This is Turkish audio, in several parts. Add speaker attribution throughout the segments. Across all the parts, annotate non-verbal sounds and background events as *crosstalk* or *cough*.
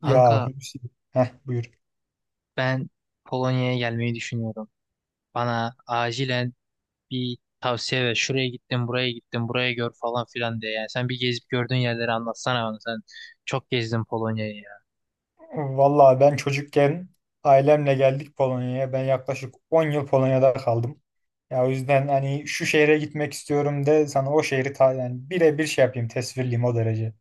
Speaker 1: Ya
Speaker 2: Kanka
Speaker 1: Hulusi. Heh, buyur.
Speaker 2: ben Polonya'ya gelmeyi düşünüyorum. Bana acilen bir tavsiye ver. Şuraya gittim, buraya gittim, buraya gör falan filan diye. Yani sen bir gezip gördüğün yerleri anlatsana bana. Sen çok gezdin Polonya'yı ya.
Speaker 1: Vallahi ben çocukken ailemle geldik Polonya'ya. Ben yaklaşık 10 yıl Polonya'da kaldım. Ya o yüzden hani şu şehre gitmek istiyorum de sana o şehri ta yani birebir şey yapayım tesvirliyim o derece.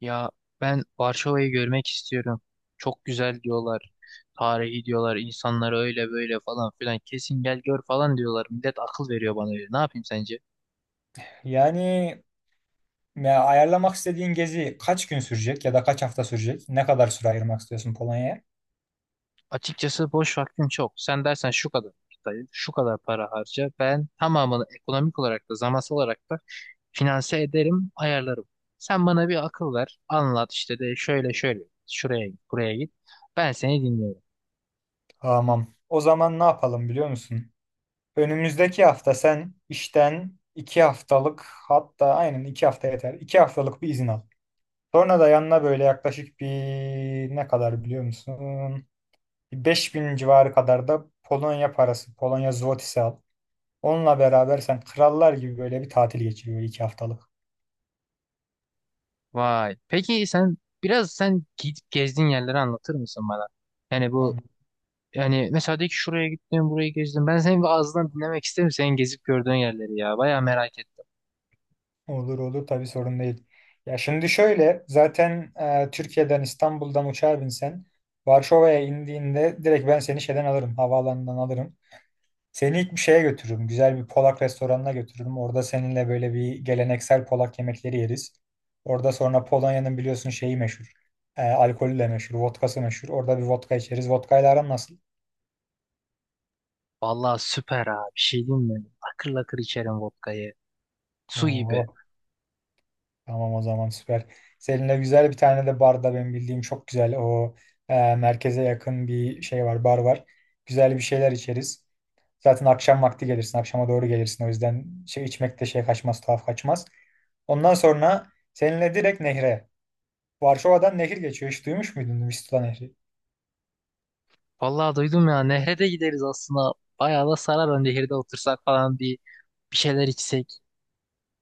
Speaker 2: Ya ben Varşova'yı görmek istiyorum. Çok güzel diyorlar. Tarihi diyorlar. İnsanları öyle böyle falan filan. Kesin gel gör falan diyorlar. Millet akıl veriyor bana öyle. Ne yapayım sence?
Speaker 1: Yani ya ayarlamak istediğin gezi kaç gün sürecek ya da kaç hafta sürecek? Ne kadar süre ayırmak istiyorsun Polonya'ya?
Speaker 2: Açıkçası boş vaktim çok. Sen dersen şu kadar vakit ayır, şu kadar para harca. Ben tamamını ekonomik olarak da zamansal olarak da finanse ederim, ayarlarım. Sen bana bir akıl ver, anlat işte de şöyle şöyle, şuraya git, buraya git. Ben seni dinliyorum.
Speaker 1: Tamam. O zaman ne yapalım biliyor musun? Önümüzdeki hafta sen işten 2 haftalık, hatta aynen 2 hafta yeter. 2 haftalık bir izin al. Sonra da yanına böyle yaklaşık bir ne kadar biliyor musun? Bir 5000 civarı kadar da Polonya parası, Polonya zlotisi al. Onunla beraber sen krallar gibi böyle bir tatil geçiriyor 2 haftalık.
Speaker 2: Vay. Peki sen biraz sen gidip gezdiğin yerleri anlatır mısın bana? Yani bu
Speaker 1: An-
Speaker 2: yani mesela de ki şuraya gittim, burayı gezdim. Ben senin bir ağzından dinlemek isterim senin gezip gördüğün yerleri ya. Bayağı merak ettim.
Speaker 1: Olur olur, tabii sorun değil. Ya şimdi şöyle zaten Türkiye'den İstanbul'dan uçağa binsen Varşova'ya indiğinde direkt ben seni şeyden alırım, havaalanından alırım. Seni ilk bir şeye götürürüm. Güzel bir Polak restoranına götürürüm. Orada seninle böyle bir geleneksel Polak yemekleri yeriz. Orada sonra Polonya'nın biliyorsun şeyi meşhur. Alkolü de meşhur. Vodkası meşhur. Orada bir vodka içeriz. Vodkayla aran nasıl?
Speaker 2: Vallahi süper abi. Bir şey diyeyim mi? Akır lakır içerim vodkayı. Su gibi.
Speaker 1: Oo, tamam o zaman süper. Seninle güzel bir tane de barda benim bildiğim çok güzel o merkeze yakın bir şey var, bar var. Güzel bir şeyler içeriz. Zaten akşam vakti gelirsin. Akşama doğru gelirsin. O yüzden şey içmek de şey kaçmaz, tuhaf kaçmaz. Ondan sonra seninle direkt nehre. Varşova'dan nehir geçiyor. Hiç duymuş muydun Vistula Nehri?
Speaker 2: Vallahi duydum ya nehre de gideriz aslında. Bayağı da sarar o nehirde otursak falan bir şeyler içsek.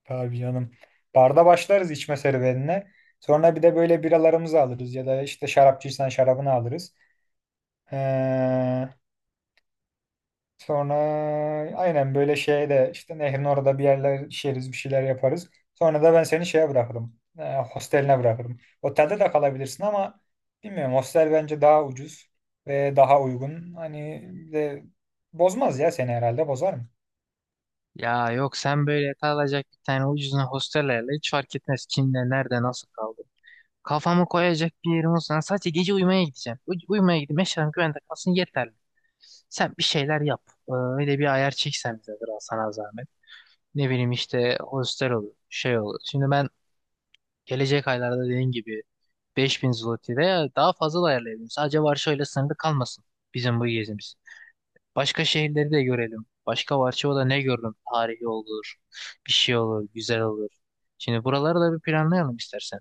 Speaker 1: Abi canım. Barda başlarız içme serüvenine. Sonra bir de böyle biralarımızı alırız ya da işte şarapçıysan şarabını alırız. Ee, Sonra aynen böyle şeye de işte nehrin orada bir yerler içeriz, bir şeyler yaparız. Sonra da ben seni şeye bırakırım. Hosteline bırakırım. Otelde de kalabilirsin ama bilmiyorum, hostel bence daha ucuz ve daha uygun. Hani bir de bozmaz ya seni, herhalde bozar mı?
Speaker 2: Ya yok, sen böyle kalacak bir tane ucuzuna hostellerle hiç fark etmez kimle nerede nasıl kaldı. Kafamı koyacak bir yerim olsa sadece gece uyumaya gideceğim. Uyumaya gideyim, eşyalarım güvende kalsın yeterli. Sen bir şeyler yap. Öyle bir ayar çeksen bize, biraz sana zahmet. Ne bileyim işte hostel olur, şey olur. Şimdi ben gelecek aylarda dediğin gibi 5.000 zloty veya daha fazla da ayarlayabilirim. Sadece Varşova ile sınırlı kalmasın bizim bu gezimiz. Başka şehirleri de görelim. Başka Varşova'da ne gördüm? Tarihi olur, bir şey olur, güzel olur. Şimdi buraları da bir planlayalım istersen.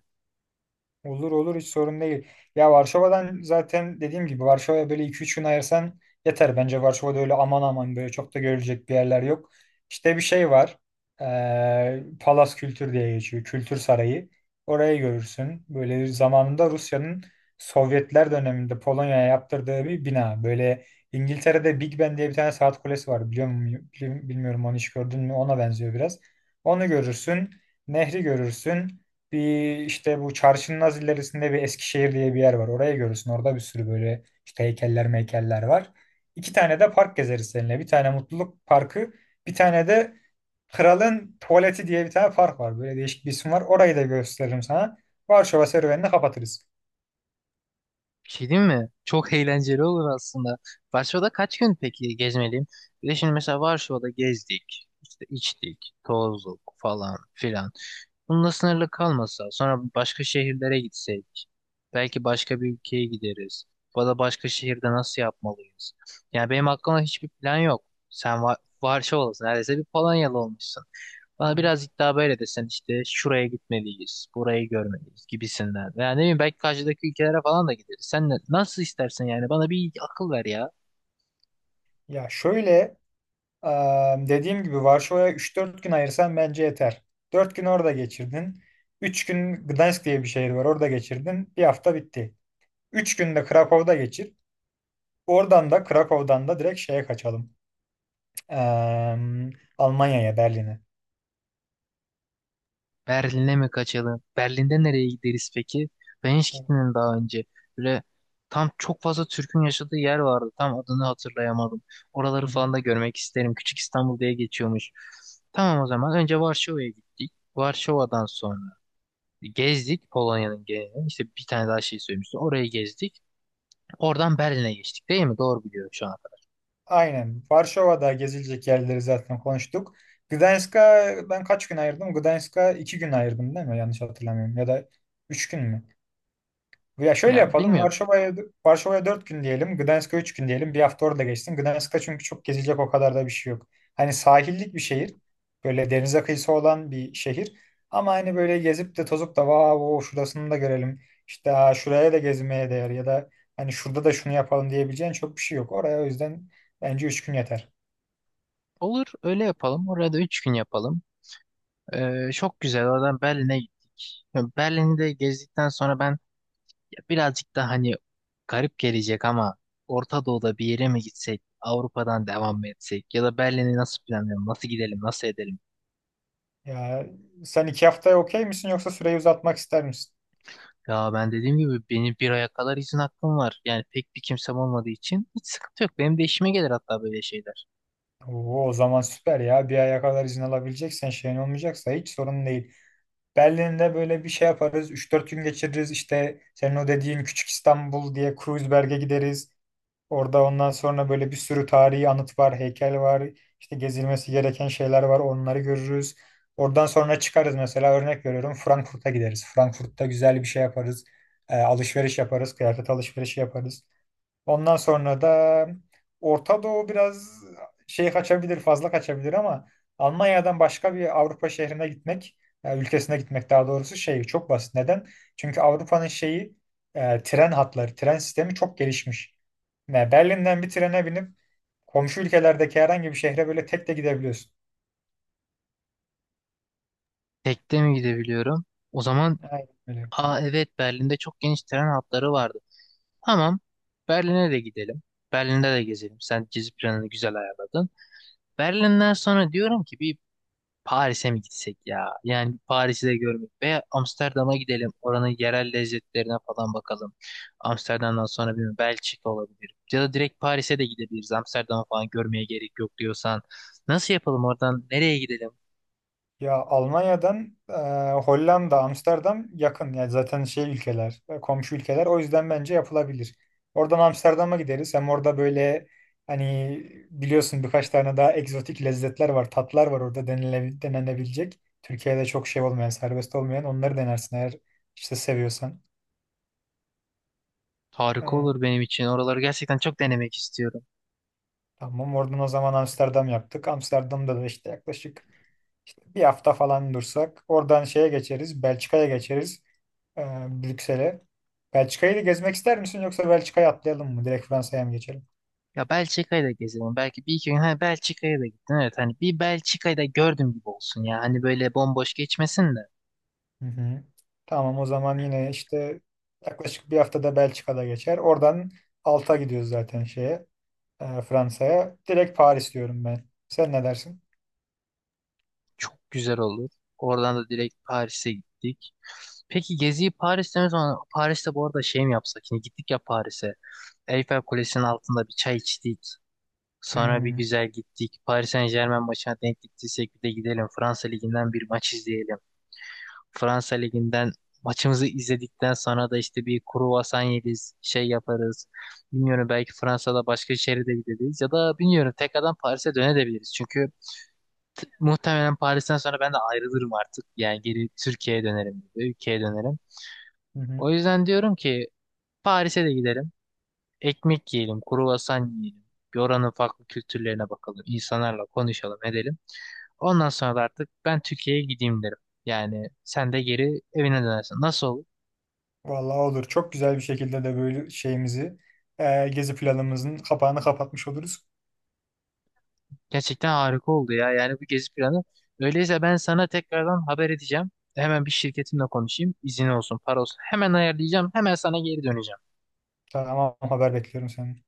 Speaker 1: Olur olur, hiç sorun değil. Ya Varşova'dan zaten dediğim gibi Varşova'ya böyle iki üç gün ayırsan yeter. Bence Varşova'da öyle aman aman böyle çok da görülecek bir yerler yok. İşte bir şey var. Palas Kültür diye geçiyor. Kültür Sarayı. Orayı görürsün. Böyle zamanında Rusya'nın Sovyetler döneminde Polonya'ya yaptırdığı bir bina. Böyle İngiltere'de Big Ben diye bir tane saat kulesi var. Biliyor muyum? Bilmiyorum, onu hiç gördün mü? Ona benziyor biraz. Onu görürsün. Nehri görürsün. Bir işte bu çarşının az ilerisinde bir Eskişehir diye bir yer var. Oraya görürsün. Orada bir sürü böyle işte heykeller meykeller var. İki tane de park gezeriz seninle. Bir tane Mutluluk Parkı, bir tane de Kralın Tuvaleti diye bir tane park var. Böyle değişik bir isim var. Orayı da gösteririm sana. Varşova serüvenini kapatırız.
Speaker 2: Bir şey diyeyim mi? Çok *laughs* eğlenceli olur aslında. Varşova'da kaç gün peki gezmeliyim? Bir de şimdi mesela Varşova'da gezdik, işte içtik, tozduk falan filan. Bununla sınırlı kalmasa, sonra başka şehirlere gitsek, belki başka bir ülkeye gideriz. Bu da başka şehirde nasıl yapmalıyız? Yani benim aklımda hiçbir plan yok. Sen varşa olasın, neredeyse bir Polonyalı olmuşsun.
Speaker 1: Hı
Speaker 2: Bana
Speaker 1: hı.
Speaker 2: biraz iddia böyle desen işte şuraya gitmeliyiz, burayı görmeliyiz gibisinden. Yani ne bileyim, belki karşıdaki ülkelere falan da gideriz. Sen nasıl istersen yani, bana bir akıl ver ya.
Speaker 1: Ya şöyle e, dediğim gibi Varşova'ya üç dört gün ayırsan bence yeter. 4 gün orada geçirdin. 3 gün Gdansk diye bir şehir var. Orada geçirdin. Bir hafta bitti. 3 günde Krakow'da geçir. Oradan da Krakow'dan da direkt şeye kaçalım. Eee, Almanya'ya, Berlin'e.
Speaker 2: Berlin'e mi kaçalım? Berlin'de nereye gideriz peki? Ben hiç gitmedim daha önce. Böyle tam çok fazla Türk'ün yaşadığı yer vardı. Tam adını hatırlayamadım.
Speaker 1: Hı
Speaker 2: Oraları
Speaker 1: hı.
Speaker 2: falan da görmek isterim. Küçük İstanbul diye geçiyormuş. Tamam, o zaman önce Varşova'ya gittik. Varşova'dan sonra gezdik Polonya'nın genelini. İşte bir tane daha şey söylemişti. Orayı gezdik. Oradan Berlin'e geçtik değil mi? Doğru biliyorum şu anda.
Speaker 1: Aynen. Varşova'da gezilecek yerleri zaten konuştuk. Gdańsk'a ben kaç gün ayırdım? Gdańsk'a 2 gün ayırdım değil mi? Yanlış hatırlamıyorum. Ya da 3 gün mü? Ya şöyle
Speaker 2: Ya
Speaker 1: yapalım.
Speaker 2: bilmiyorum.
Speaker 1: Varşova'ya 4 gün diyelim. Gdansk'a 3 gün diyelim. Bir hafta orada geçsin. Gdansk'ta çünkü çok gezilecek o kadar da bir şey yok. Hani sahillik bir şehir. Böyle denize kıyısı olan bir şehir. Ama hani böyle gezip de tozup da vav o şurasını da görelim. İşte, "Aa, şuraya da gezmeye değer ya da hani şurada da şunu yapalım" diyebileceğin çok bir şey yok. Oraya o yüzden bence 3 gün yeter.
Speaker 2: Olur, öyle yapalım. Orada 3 gün yapalım. Çok güzel. Oradan Berlin'e gittik. Ya Berlin'de gezdikten sonra ben ya birazcık da hani garip gelecek ama Orta Doğu'da bir yere mi gitsek, Avrupa'dan devam mı etsek, ya da Berlin'i nasıl planlayalım, nasıl gidelim, nasıl edelim?
Speaker 1: Ya sen 2 haftaya okey misin, yoksa süreyi uzatmak ister misin?
Speaker 2: Ya ben dediğim gibi benim bir aya kadar izin hakkım var. Yani pek bir kimsem olmadığı için hiç sıkıntı yok. Benim de işime gelir hatta böyle şeyler.
Speaker 1: Oo, o zaman süper ya. Bir aya kadar izin alabileceksen, şeyin olmayacaksa hiç sorun değil. Berlin'de böyle bir şey yaparız. Üç dört gün geçiririz. İşte senin o dediğin Küçük İstanbul diye Kreuzberg'e gideriz. Orada ondan sonra böyle bir sürü tarihi anıt var, heykel var. İşte gezilmesi gereken şeyler var. Onları görürüz. Oradan sonra çıkarız, mesela örnek veriyorum Frankfurt'a gideriz. Frankfurt'ta güzel bir şey yaparız. Alışveriş yaparız, kıyafet alışverişi yaparız. Ondan sonra da Orta Doğu biraz şey kaçabilir, fazla kaçabilir ama Almanya'dan başka bir Avrupa şehrine gitmek, ülkesine gitmek daha doğrusu şey çok basit. Neden? Çünkü Avrupa'nın şeyi tren hatları, tren sistemi çok gelişmiş. Yani Berlin'den bir trene binip komşu ülkelerdeki herhangi bir şehre böyle tek de gidebiliyorsun.
Speaker 2: Tekte mi gidebiliyorum? O zaman,
Speaker 1: Aynen öyle.
Speaker 2: aa evet, Berlin'de çok geniş tren hatları vardı. Tamam. Berlin'e de gidelim. Berlin'de de gezelim. Sen gezi planını güzel ayarladın. Berlin'den sonra diyorum ki bir Paris'e mi gitsek ya? Yani Paris'i de görmek veya Amsterdam'a gidelim. Oranın yerel lezzetlerine falan bakalım. Amsterdam'dan sonra bir Belçika olabilir. Ya da direkt Paris'e de gidebiliriz. Amsterdam'ı falan görmeye gerek yok diyorsan. Nasıl yapalım oradan? Nereye gidelim?
Speaker 1: Ya Almanya'dan Hollanda, Amsterdam yakın. Yani zaten şey ülkeler, komşu ülkeler. O yüzden bence yapılabilir. Oradan Amsterdam'a gideriz. Hem orada böyle hani biliyorsun birkaç tane daha egzotik lezzetler var, tatlar var orada denenebilecek. Türkiye'de çok şey olmayan, serbest olmayan onları denersin eğer işte seviyorsan.
Speaker 2: Harika
Speaker 1: Hı,
Speaker 2: olur benim için. Oraları gerçekten çok denemek istiyorum.
Speaker 1: tamam oradan o zaman Amsterdam yaptık. Amsterdam'da da işte yaklaşık bir hafta falan dursak. Oradan şeye geçeriz. Belçika'ya geçeriz. e, Brüksel'e. Belçika'yı da gezmek ister misin yoksa Belçika'ya atlayalım mı? Direkt Fransa'ya mı geçelim?
Speaker 2: Ya Belçika'yı da gezelim. Belki bir iki gün. Ha, Belçika'ya da gittin. Evet, hani bir Belçika'yı da gördüm gibi olsun ya. Hani böyle bomboş geçmesin de.
Speaker 1: Hı hı. Tamam o zaman yine işte yaklaşık bir haftada Belçika'da geçer. Oradan alta gidiyoruz zaten şeye Fransa'ya. Direkt Paris diyorum ben. Sen ne dersin?
Speaker 2: Çok güzel olur. Oradan da direkt Paris'e gittik. Peki geziyi Paris'te mi, sonra Paris'te bu arada şey mi yapsak? Şimdi gittik ya Paris'e. Eiffel Kulesi'nin altında bir çay içtik.
Speaker 1: Hı
Speaker 2: Sonra bir
Speaker 1: hı.
Speaker 2: güzel gittik. Paris Saint-Germain maçına denk gittiysek bir de gidelim. Fransa Ligi'nden bir maç izleyelim. Fransa Ligi'nden maçımızı izledikten sonra da işte bir kruvasan yeriz, şey yaparız. Bilmiyorum, belki Fransa'da başka şehre de gideriz ya da bilmiyorum tekrardan Paris'e dönebiliriz. Çünkü muhtemelen Paris'ten sonra ben de ayrılırım artık. Yani geri Türkiye'ye dönerim, gibi, ülkeye dönerim.
Speaker 1: Hı hı.
Speaker 2: O yüzden diyorum ki Paris'e de gidelim. Ekmek yiyelim, kruvasan yiyelim. Bir Oranın farklı kültürlerine bakalım. İnsanlarla konuşalım, edelim. Ondan sonra da artık ben Türkiye'ye gideyim derim. Yani sen de geri evine dönersin. Nasıl olur?
Speaker 1: Vallahi olur. Çok güzel bir şekilde de böyle şeyimizi gezi planımızın kapağını kapatmış oluruz.
Speaker 2: Gerçekten harika oldu ya. Yani bu gezi planı. Öyleyse ben sana tekrardan haber edeceğim. Hemen bir şirketimle konuşayım. İzin olsun, para olsun. Hemen ayarlayacağım. Hemen sana geri döneceğim.
Speaker 1: Tamam, haber bekliyorum senden.